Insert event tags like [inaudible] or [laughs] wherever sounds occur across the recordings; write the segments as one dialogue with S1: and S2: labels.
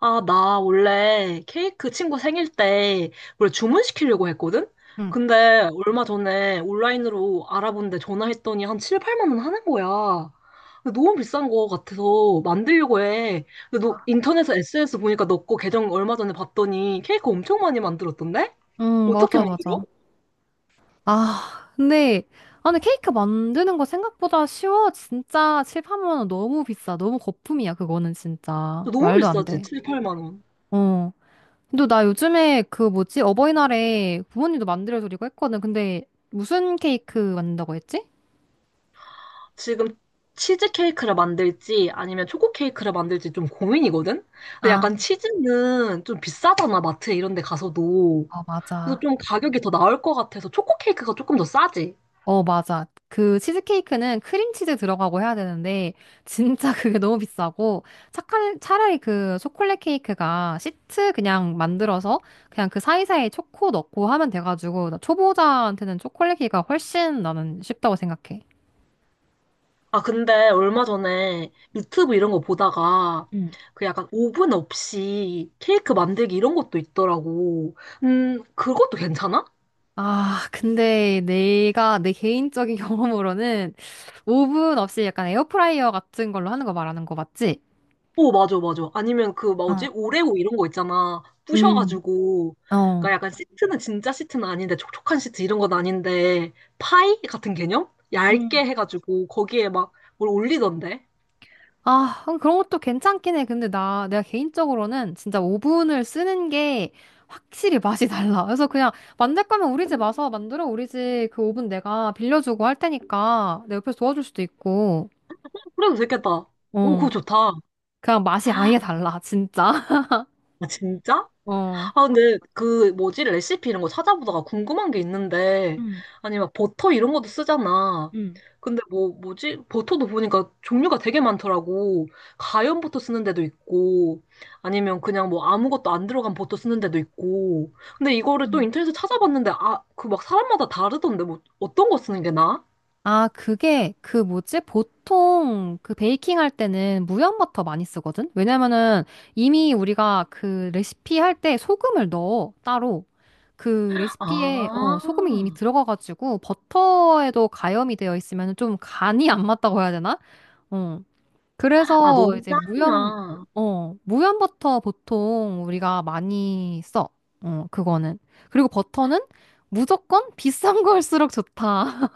S1: 아, 나 원래 케이크 친구 생일 때 원래 주문시키려고 했거든?
S2: 응,
S1: 근데 얼마 전에 온라인으로 알아본데 전화했더니 한 7, 8만 원 하는 거야. 근데 너무 비싼 거 같아서 만들려고 해. 근데 너 인터넷에 SNS 보니까 너 거 계정 얼마 전에 봤더니 케이크 엄청 많이 만들었던데?
S2: 응,
S1: 어떻게
S2: 맞아,
S1: 만들어?
S2: 맞아. 아, 근데, 아, 근데 케이크 만드는 거 생각보다 쉬워. 진짜 7, 8만 원 너무 비싸. 너무 거품이야, 그거는 진짜.
S1: 너무
S2: 말도 안
S1: 비싸지,
S2: 돼.
S1: 7, 8만 원.
S2: 어. 근데 나 요즘에 그 뭐지? 어버이날에 부모님도 만들어드리고 했거든. 근데 무슨 케이크 만든다고 했지?
S1: 지금 치즈 케이크를 만들지 아니면 초코 케이크를 만들지 좀 고민이거든? 근데
S2: 아,
S1: 약간 치즈는 좀 비싸잖아, 마트 이런 데 가서도.
S2: 어,
S1: 그래서
S2: 맞아.
S1: 좀 가격이 더 나을 것 같아서 초코 케이크가 조금 더 싸지.
S2: 어, 맞아. 그 치즈케이크는 크림치즈 들어가고 해야 되는데, [laughs] 진짜 그게 너무 비싸고, 차라리 그 초콜릿 케이크가 시트 그냥 만들어서, 그냥 그 사이사이에 초코 넣고 하면 돼가지고, 나 초보자한테는 초콜릿 케이크가 훨씬 나는 쉽다고 생각해.
S1: 아, 근데 얼마 전에 유튜브 이런 거 보다가
S2: 응.
S1: 그 약간 오븐 없이 케이크 만들기 이런 것도 있더라고. 그것도 괜찮아?
S2: 아, 근데 내 개인적인 [laughs] 경험으로는, 오븐 없이 약간 에어프라이어 같은 걸로 하는 거 말하는 거 맞지?
S1: 오, 맞아, 맞아. 아니면 그,
S2: 어.
S1: 뭐지? 오레오 이런 거 있잖아.
S2: 음.
S1: 부셔가지고. 그러니까
S2: 어.
S1: 약간 시트는 진짜 시트는 아닌데, 촉촉한 시트 이런 건 아닌데, 파이 같은 개념? 얇게
S2: 음.
S1: 해가지고, 거기에 막 뭘 올리던데?
S2: 아, 그런 것도 괜찮긴 해. 근데 내가 개인적으로는 진짜 오븐을 쓰는 게 확실히 맛이 달라. 그래서 그냥 만들 거면 우리 집 와서 만들어. 우리 집 그 오븐 내가 빌려주고 할 테니까 내 옆에서 도와줄 수도 있고.
S1: 그래도 되겠다. 오, 그거
S2: 어.
S1: 좋다.
S2: 그냥 맛이 아예 달라, 진짜.
S1: 아, 진짜?
S2: [laughs] 어.
S1: 아, 근데 그 뭐지? 레시피 이런 거 찾아보다가 궁금한 게 있는데,
S2: 응,
S1: 아니, 막 버터 이런 것도 쓰잖아.
S2: 응.
S1: 근데 뭐, 뭐지? 버터도 보니까 종류가 되게 많더라고. 가염 버터 쓰는 데도 있고, 아니면 그냥 뭐 아무것도 안 들어간 버터 쓰는 데도 있고. 근데 이거를 또 인터넷에 찾아봤는데, 아, 그 막 사람마다 다르던데, 뭐, 어떤 거 쓰는 게 나아?
S2: 아, 그게 그 뭐지? 보통 그 베이킹 할 때는 무염버터 많이 쓰거든? 왜냐면은 이미 우리가 그 레시피 할 때 소금을 넣어, 따로. 그 레시피에 어,
S1: 아,
S2: 소금이 이미 들어가가지고 버터에도 가염이 되어 있으면 좀 간이 안 맞다고 해야 되나? 어.
S1: 아,
S2: 그래서
S1: 너무
S2: 이제
S1: 짜구나.
S2: 어, 무염버터 보통 우리가 많이 써. 어, 그거는. 그리고 버터는 무조건 비싼 걸수록 좋다.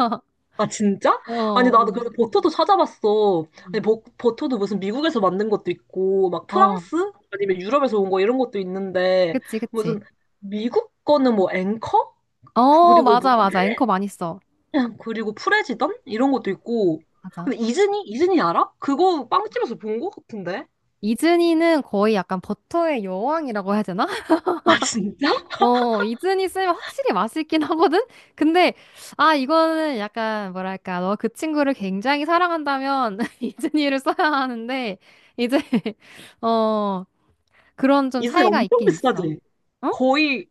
S1: 아, 진짜?
S2: [laughs]
S1: 아니,
S2: 어.
S1: 나도 그래서 버터도 찾아봤어. 아니,
S2: 음.
S1: 버터도 무슨 미국에서 만든 것도 있고, 막
S2: 어,
S1: 프랑스? 아니면 유럽에서 온 거 이런 것도 있는데,
S2: 그치, 그치.
S1: 무슨 미국 거는 뭐 앵커?
S2: 어,
S1: 그리고 뭐,
S2: 맞아, 맞아. 앵커 많이 써.
S1: [laughs] 그리고 프레지던? 이런 것도 있고.
S2: 맞아.
S1: 근데 이즈니? 이즈니 알아? 그거 빵집에서 본 거 같은데?
S2: 이즈니는 거의 약간 버터의 여왕이라고 해야 되나? [laughs]
S1: 아, 진짜?
S2: 어, 이즈니 쓰면 확실히 맛있긴 하거든? 근데, 아, 이거는 약간, 뭐랄까, 너 그 친구를 굉장히 사랑한다면 [laughs] 이즈니를 써야 하는데, 이제, [laughs] 어, 그런 좀
S1: 이즈니
S2: 차이가
S1: 엄청
S2: 있긴 있어.
S1: 비싸지?
S2: 어?
S1: 거의,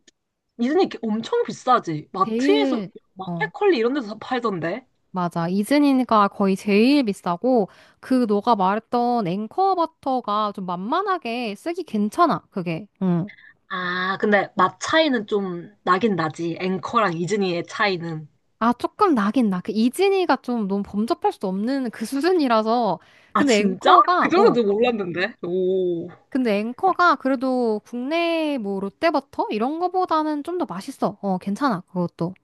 S1: 이즈니 엄청 비싸지? 마트에서,
S2: 제일, 어.
S1: 마켓컬리 이런 데서 팔던데?
S2: 맞아. 이즈니가 거의 제일 비싸고, 그 너가 말했던 앵커 버터가 좀 만만하게 쓰기 괜찮아, 그게. 응.
S1: 아, 근데 맛 차이는 좀 나긴 나지. 앵커랑 이즈니의 차이는.
S2: 아, 조금 나긴 나. 그 이즈니가 좀 너무 범접할 수 없는 그 수준이라서.
S1: 아,
S2: 근데
S1: 진짜? 그
S2: 앵커가,
S1: 정도는
S2: 어.
S1: 좀 몰랐는데. 오.
S2: 근데 앵커가 그래도 국내 뭐 롯데버터? 이런 거보다는 좀 더 맛있어. 어, 괜찮아, 그것도.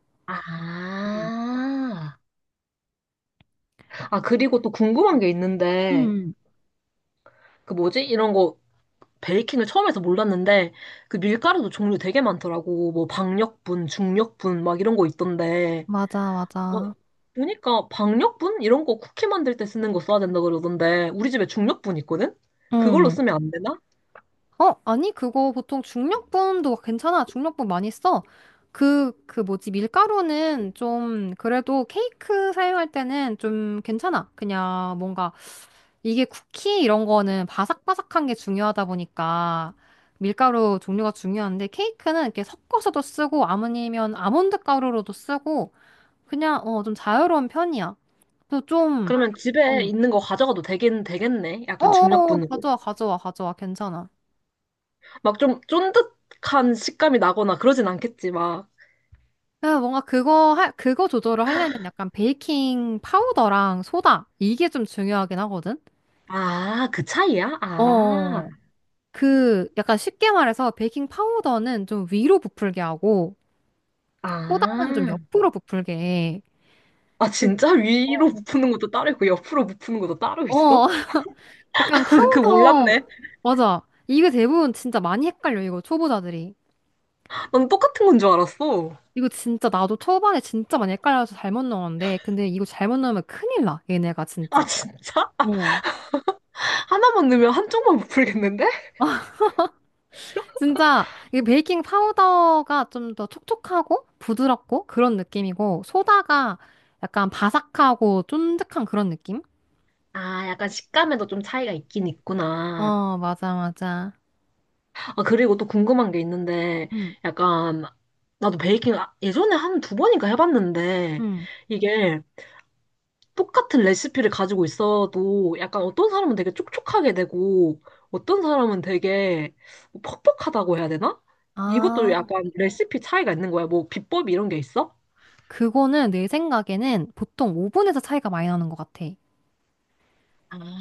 S2: 음.
S1: 아. 아, 그리고 또 궁금한 게 있는데,
S2: 음.
S1: 그 뭐지? 이런 거 베이킹을 처음 해서 몰랐는데, 그 밀가루도 종류 되게 많더라고. 뭐 박력분, 중력분 막 이런 거 있던데.
S2: 맞아,
S1: 어,
S2: 맞아.
S1: 보니까 박력분 이런 거 쿠키 만들 때 쓰는 거 써야 된다 그러던데, 우리 집에 중력분 있거든? 그걸로
S2: 응.
S1: 쓰면 안 되나?
S2: 어, 아니, 그거 보통 중력분도 괜찮아. 중력분 많이 써. 그 뭐지, 밀가루는 좀, 그래도 케이크 사용할 때는 좀 괜찮아. 그냥 뭔가, 이게 쿠키 이런 거는 바삭바삭한 게 중요하다 보니까, 밀가루 종류가 중요한데, 케이크는 이렇게 섞어서도 쓰고, 아니면 아몬드 가루로도 쓰고, 그냥, 어, 좀 자유로운 편이야. 그래서 좀,
S1: 그러면
S2: 어,
S1: 집에 있는 거 가져가도 되긴 되겠네. 약간
S2: 어어,
S1: 중력분으로.
S2: 가져와, 가져와, 가져와. 괜찮아.
S1: 막 좀 쫀득한 식감이 나거나 그러진 않겠지, 막.
S2: 그 뭔가 그거 조절을 하려면 약간 베이킹 파우더랑 소다 이게 좀 중요하긴 하거든.
S1: 아, 그 차이야? 아,
S2: 어, 그 약간 쉽게 말해서 베이킹 파우더는 좀 위로 부풀게 하고 소다는 좀
S1: 아.
S2: 옆으로 부풀게 해.
S1: 아,
S2: 그리고
S1: 진짜? 위로 부푸는 것도 따로 있고, 옆으로 부푸는 것도 따로
S2: 어, 어,
S1: 있어?
S2: [laughs] 약간
S1: [laughs] 그
S2: 파우더
S1: 몰랐네.
S2: 맞아. 이게 대부분 진짜 많이 헷갈려 이거 초보자들이.
S1: 난 똑같은 건 줄 알았어.
S2: 이거 진짜 나도 초반에 진짜 많이 헷갈려서 잘못 넣었는데 근데 이거 잘못 넣으면 큰일 나 얘네가
S1: 아,
S2: 진짜.
S1: 진짜? 하나만 넣으면 한쪽만 부풀겠는데?
S2: 진짜 이 베이킹 파우더가 좀 더 촉촉하고 부드럽고 그런 느낌이고 소다가 약간 바삭하고 쫀득한 그런 느낌?
S1: 아, 약간 식감에도 좀 차이가 있긴 있구나.
S2: 어, 맞아, 맞아.
S1: 아, 그리고 또 궁금한 게 있는데,
S2: 음,
S1: 약간, 나도 베이킹 예전에 한 두 번인가 해봤는데,
S2: 음.
S1: 이게 똑같은 레시피를 가지고 있어도 약간 어떤 사람은 되게 촉촉하게 되고, 어떤 사람은 되게 뭐 퍽퍽하다고 해야 되나? 이것도
S2: 아,
S1: 약간 레시피 차이가 있는 거야. 뭐 비법 이런 게 있어?
S2: 그거는 내 생각에는 보통 오븐에서 차이가 많이 나는 것 같아.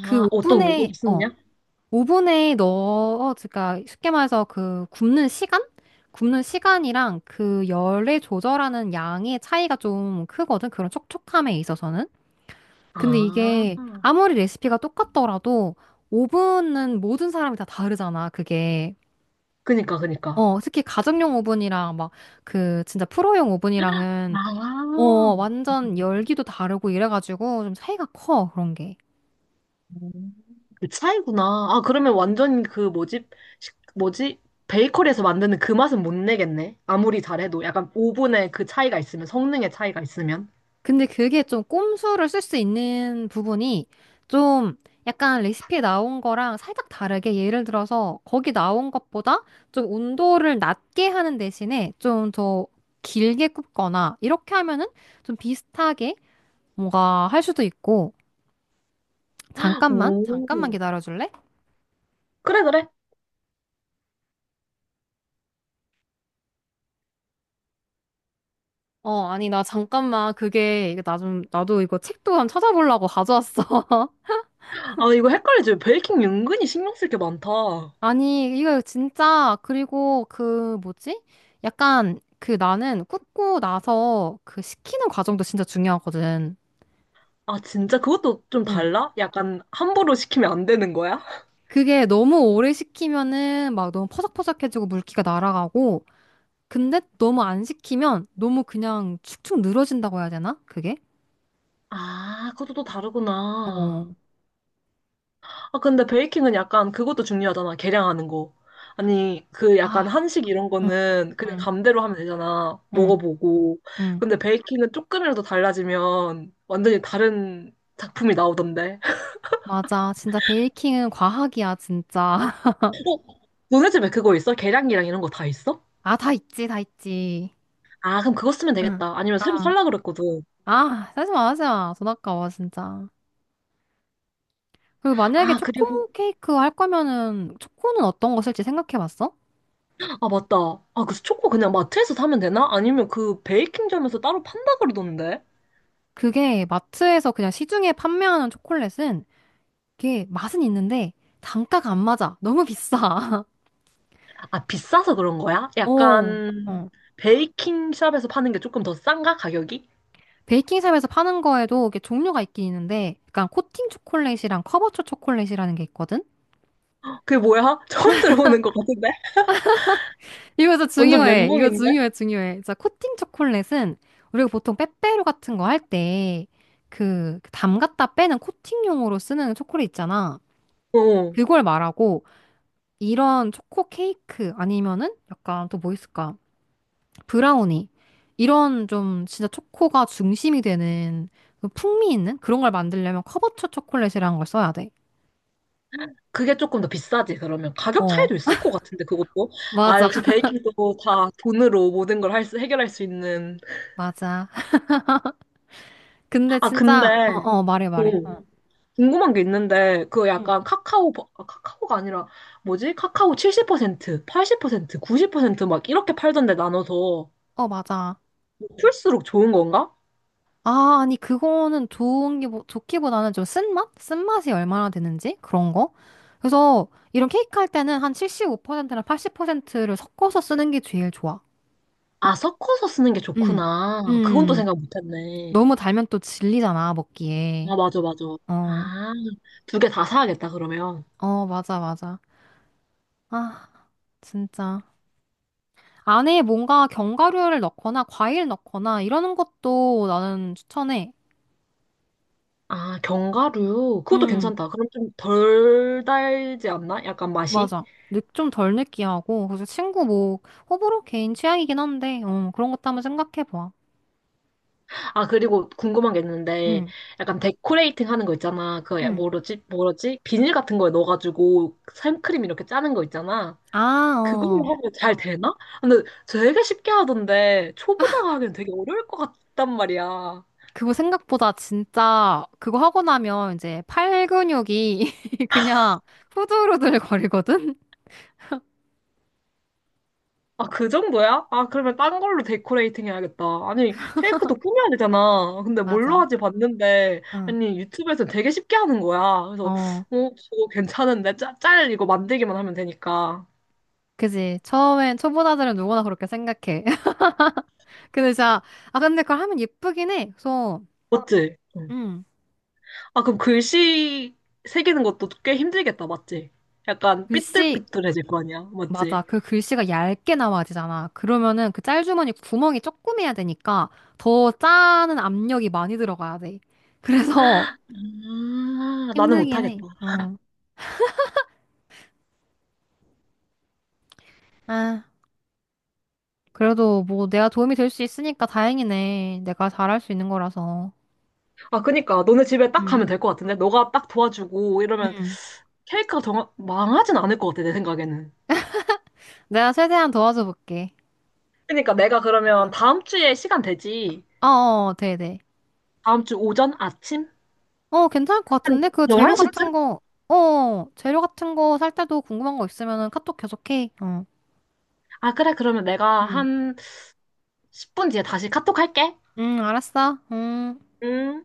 S1: 어떤 오븐을
S2: 어,
S1: 쓰느냐?
S2: 오븐에 넣어, 그러니까 쉽게 말해서 그 굽는 시간? 굽는 시간이랑 그 열의 조절하는 양의 차이가 좀 크거든. 그런 촉촉함에 있어서는. 근데
S1: 아,
S2: 이게 아무리 레시피가 똑같더라도 오븐은 모든 사람이 다 다르잖아, 그게.
S1: 그니까, 그니까.
S2: 어, 특히 가정용 오븐이랑 막 그 진짜 프로용 오븐이랑은 어,
S1: 아,
S2: 완전 열기도 다르고 이래가지고 좀 차이가 커, 그런 게.
S1: 음, 그 차이구나. 아, 그러면 완전 그 뭐지? 뭐지? 베이커리에서 만드는 그 맛은 못 내겠네. 아무리 잘해도. 약간 오븐의 그 차이가 있으면, 성능의 차이가 있으면.
S2: 근데 그게 좀 꼼수를 쓸 수 있는 부분이 좀 약간 레시피에 나온 거랑 살짝 다르게 예를 들어서 거기 나온 것보다 좀 온도를 낮게 하는 대신에 좀 더 길게 굽거나 이렇게 하면은 좀 비슷하게 뭔가 할 수도 있고 잠깐만 잠깐만
S1: 오.
S2: 기다려줄래?
S1: 그래, 그래.
S2: 어 아니 나 잠깐만 그게 나 좀 나도 이거 책도 한 찾아보려고 가져왔어. [laughs]
S1: 아, 이거 헷갈리지. 베이킹 은근히 신경 쓸 게 많다.
S2: 아니, 이거 진짜, 그리고 그, 뭐지? 약간, 그 나는 굽고 나서 그 식히는 과정도 진짜 중요하거든.
S1: 아, 진짜 그것도 좀
S2: 응.
S1: 달라? 약간 함부로 시키면 안 되는 거야? [laughs]
S2: 그게 너무 오래 식히면은 막 너무 퍼석퍼석해지고 물기가 날아가고, 근데 너무 안 식히면 너무 그냥 축축 늘어진다고 해야 되나? 그게?
S1: 아, 그것도 또
S2: 어,
S1: 다르구나. 아, 근데 베이킹은 약간 그것도 중요하잖아. 계량하는 거. 아니, 그 약간
S2: 아,
S1: 한식 이런
S2: 응,
S1: 거는 그냥
S2: 응,
S1: 감대로 하면 되잖아.
S2: 응,
S1: 먹어보고.
S2: 응.
S1: 근데 베이킹은 조금이라도 달라지면 완전히 다른 작품이 나오던데. [laughs]
S2: 맞아. 진짜 베이킹은 과학이야, 진짜. [laughs]
S1: 너네 집에 그거 있어? 계량기랑 이런 거 다 있어?
S2: 아, 다 있지, 다 있지.
S1: 아, 그럼 그거 쓰면
S2: 응.
S1: 되겠다. 아니면 새로
S2: 아,
S1: 살라 그랬거든.
S2: 아, 하지 마, 하지 마. 돈 아까워, 진짜. 그 만약에
S1: 아, 그리고,
S2: 초코 케이크 할 거면은 초코는 어떤 거 쓸지 생각해 봤어?
S1: 아, 맞다. 아, 그 초코 그냥 마트에서 사면 되나? 아니면 그 베이킹점에서 따로 판다 그러던데?
S2: 그게 마트에서 그냥 시중에 판매하는 초콜릿은 이게 맛은 있는데 단가가 안 맞아. 너무 비싸.
S1: 아, 비싸서 그런 거야?
S2: [laughs] 어.
S1: 약간
S2: 어.
S1: 베이킹 샵에서 파는 게 조금 더 싼가? 가격이?
S2: 베이킹샵에서 파는 거에도 이게 종류가 있긴 있는데 약간 코팅 초콜릿이랑 커버초 초콜릿이라는 게 있거든?
S1: 그게 뭐야? [laughs] 처음 들어보는 것 같은데?
S2: 이거 진짜
S1: 완전
S2: 중요해. 이거 중요해,
S1: 멘붕인데?
S2: 중요해. 진짜 코팅 초콜릿은 우리가 보통 빼빼로 같은 거 할 때그 그 담갔다 빼는 코팅용으로 쓰는 초콜릿 있잖아.
S1: 어.
S2: 그걸 말하고 이런 초코 케이크 아니면은 약간 또 뭐 있을까? 브라우니. 이런 좀 진짜 초코가 중심이 되는 그 풍미 있는 그런 걸 만들려면 커버처 초콜릿이라는 걸 써야 돼.
S1: 그게 조금 더 비싸지, 그러면. 가격
S2: 어,
S1: 차이도 있을 것 같은데, 그것도. 아,
S2: 맞아.
S1: 역시
S2: [laughs]
S1: 베이킹도 다 돈으로 모든 걸 할 수, 해결할 수 있는.
S2: 맞아. 근데
S1: 아,
S2: 진짜, 어,
S1: 근데,
S2: 어, 말해,
S1: 어,
S2: 말해. 어,
S1: 궁금한 게 있는데, 그
S2: 응.
S1: 약간 카카오, 아, 카카오가 아니라, 뭐지? 카카오 70%, 80%, 90%막 이렇게 팔던데 나눠서,
S2: 어, 맞아.
S1: 풀수록 좋은 건가?
S2: 아, 아니, 그거는 좋은 게, 좋기보다는 좀 쓴맛? 쓴맛이 얼마나 되는지? 그런 거? 그래서 이런 케이크 할 때는 한 75%나 80%를 섞어서 쓰는 게 제일 좋아.
S1: 아, 섞어서 쓰는 게
S2: 음.
S1: 좋구나. 그건 또
S2: 음.
S1: 생각 못 했네.
S2: 너무 달면 또 질리잖아, 먹기에.
S1: 아, 맞아, 맞아.
S2: 어,
S1: 아, 두 개 다 사야겠다, 그러면.
S2: 어, 맞아, 맞아. 아, 진짜. 안에 뭔가 견과류를 넣거나 과일 넣거나 이러는 것도 나는 추천해.
S1: 아, 견과류. 그것도
S2: 음,
S1: 괜찮다. 그럼 좀 덜 달지 않나? 약간 맛이?
S2: 맞아. 좀 덜 느끼하고. 그래서 친구 뭐, 호불호 개인 취향이긴 한데, 어, 그런 것도 한번 생각해봐.
S1: 아, 그리고 궁금한 게 있는데,
S2: 응.
S1: 약간 데코레이팅 하는 거 있잖아. 그,
S2: 응.
S1: 뭐지, 뭐지? 비닐 같은 거에 넣어가지고 생크림 이렇게 짜는 거 있잖아.
S2: 아,
S1: 그걸로
S2: 어.
S1: 하면 잘 되나? 근데 되게 쉽게 하던데, 초보자가 하기엔 되게 어려울 것 같단 말이야.
S2: 그거 생각보다 진짜, 그거 하고 나면 이제 팔 근육이 [laughs] 그냥 후들후들 거리거든?
S1: 아, 그 정도야? 아, 그러면 딴 걸로 데코레이팅 해야겠다. 아니, 케이크도 꾸며야 되잖아. 근데 뭘로
S2: 맞아.
S1: 하지 봤는데,
S2: 응.
S1: 아니, 유튜브에서 되게 쉽게 하는 거야. 그래서, 어,
S2: 어.
S1: 저거 괜찮은데? 짤 이거 만들기만 하면 되니까.
S2: 그지. 처음엔 초보자들은 누구나 그렇게 생각해. [laughs] 근데 진짜, 아, 근데 그걸 하면 예쁘긴 해. 그래서,
S1: 맞지? 응.
S2: 음,
S1: 아, 그럼 글씨 새기는 것도 꽤 힘들겠다, 맞지? 약간
S2: 글씨,
S1: 삐뚤삐뚤해질 거 아니야, 맞지?
S2: 맞아. 그 글씨가 얇게 나와야 되잖아. 그러면은 그 짤주머니 구멍이 조금 해야 되니까 더 짜는 압력이 많이 들어가야 돼. 그래서
S1: 아,
S2: [laughs]
S1: 나는
S2: 힘들긴
S1: 못하겠다.
S2: 해. 음. 아, 그래도 뭐 내가 도움이 될 수 있으니까 다행이네. 내가 잘할 수 있는 거라서.
S1: 아, 그니까, 너네 집에 딱
S2: 응.
S1: 가면 될 것 같은데? 너가 딱 도와주고 이러면
S2: 응.
S1: 케이크가 망하진 않을 것 같아, 내 생각에는.
S2: 내가 최대한 도와줘 볼게.
S1: 그러니까 내가 그러면 다음 주에 시간 되지?
S2: 어어, 네네.
S1: 다음 주 오전 아침?
S2: 어, 괜찮을 것
S1: 한
S2: 같은데? 그 재료
S1: 11시쯤?
S2: 같은 거, 어, 재료 같은 거 살 때도 궁금한 거 있으면은 카톡 계속해. 어.
S1: 아, 그래. 그러면 내가
S2: 응.
S1: 한 10분 뒤에 다시 카톡 할게.
S2: 응, 알았어. 음.
S1: 음.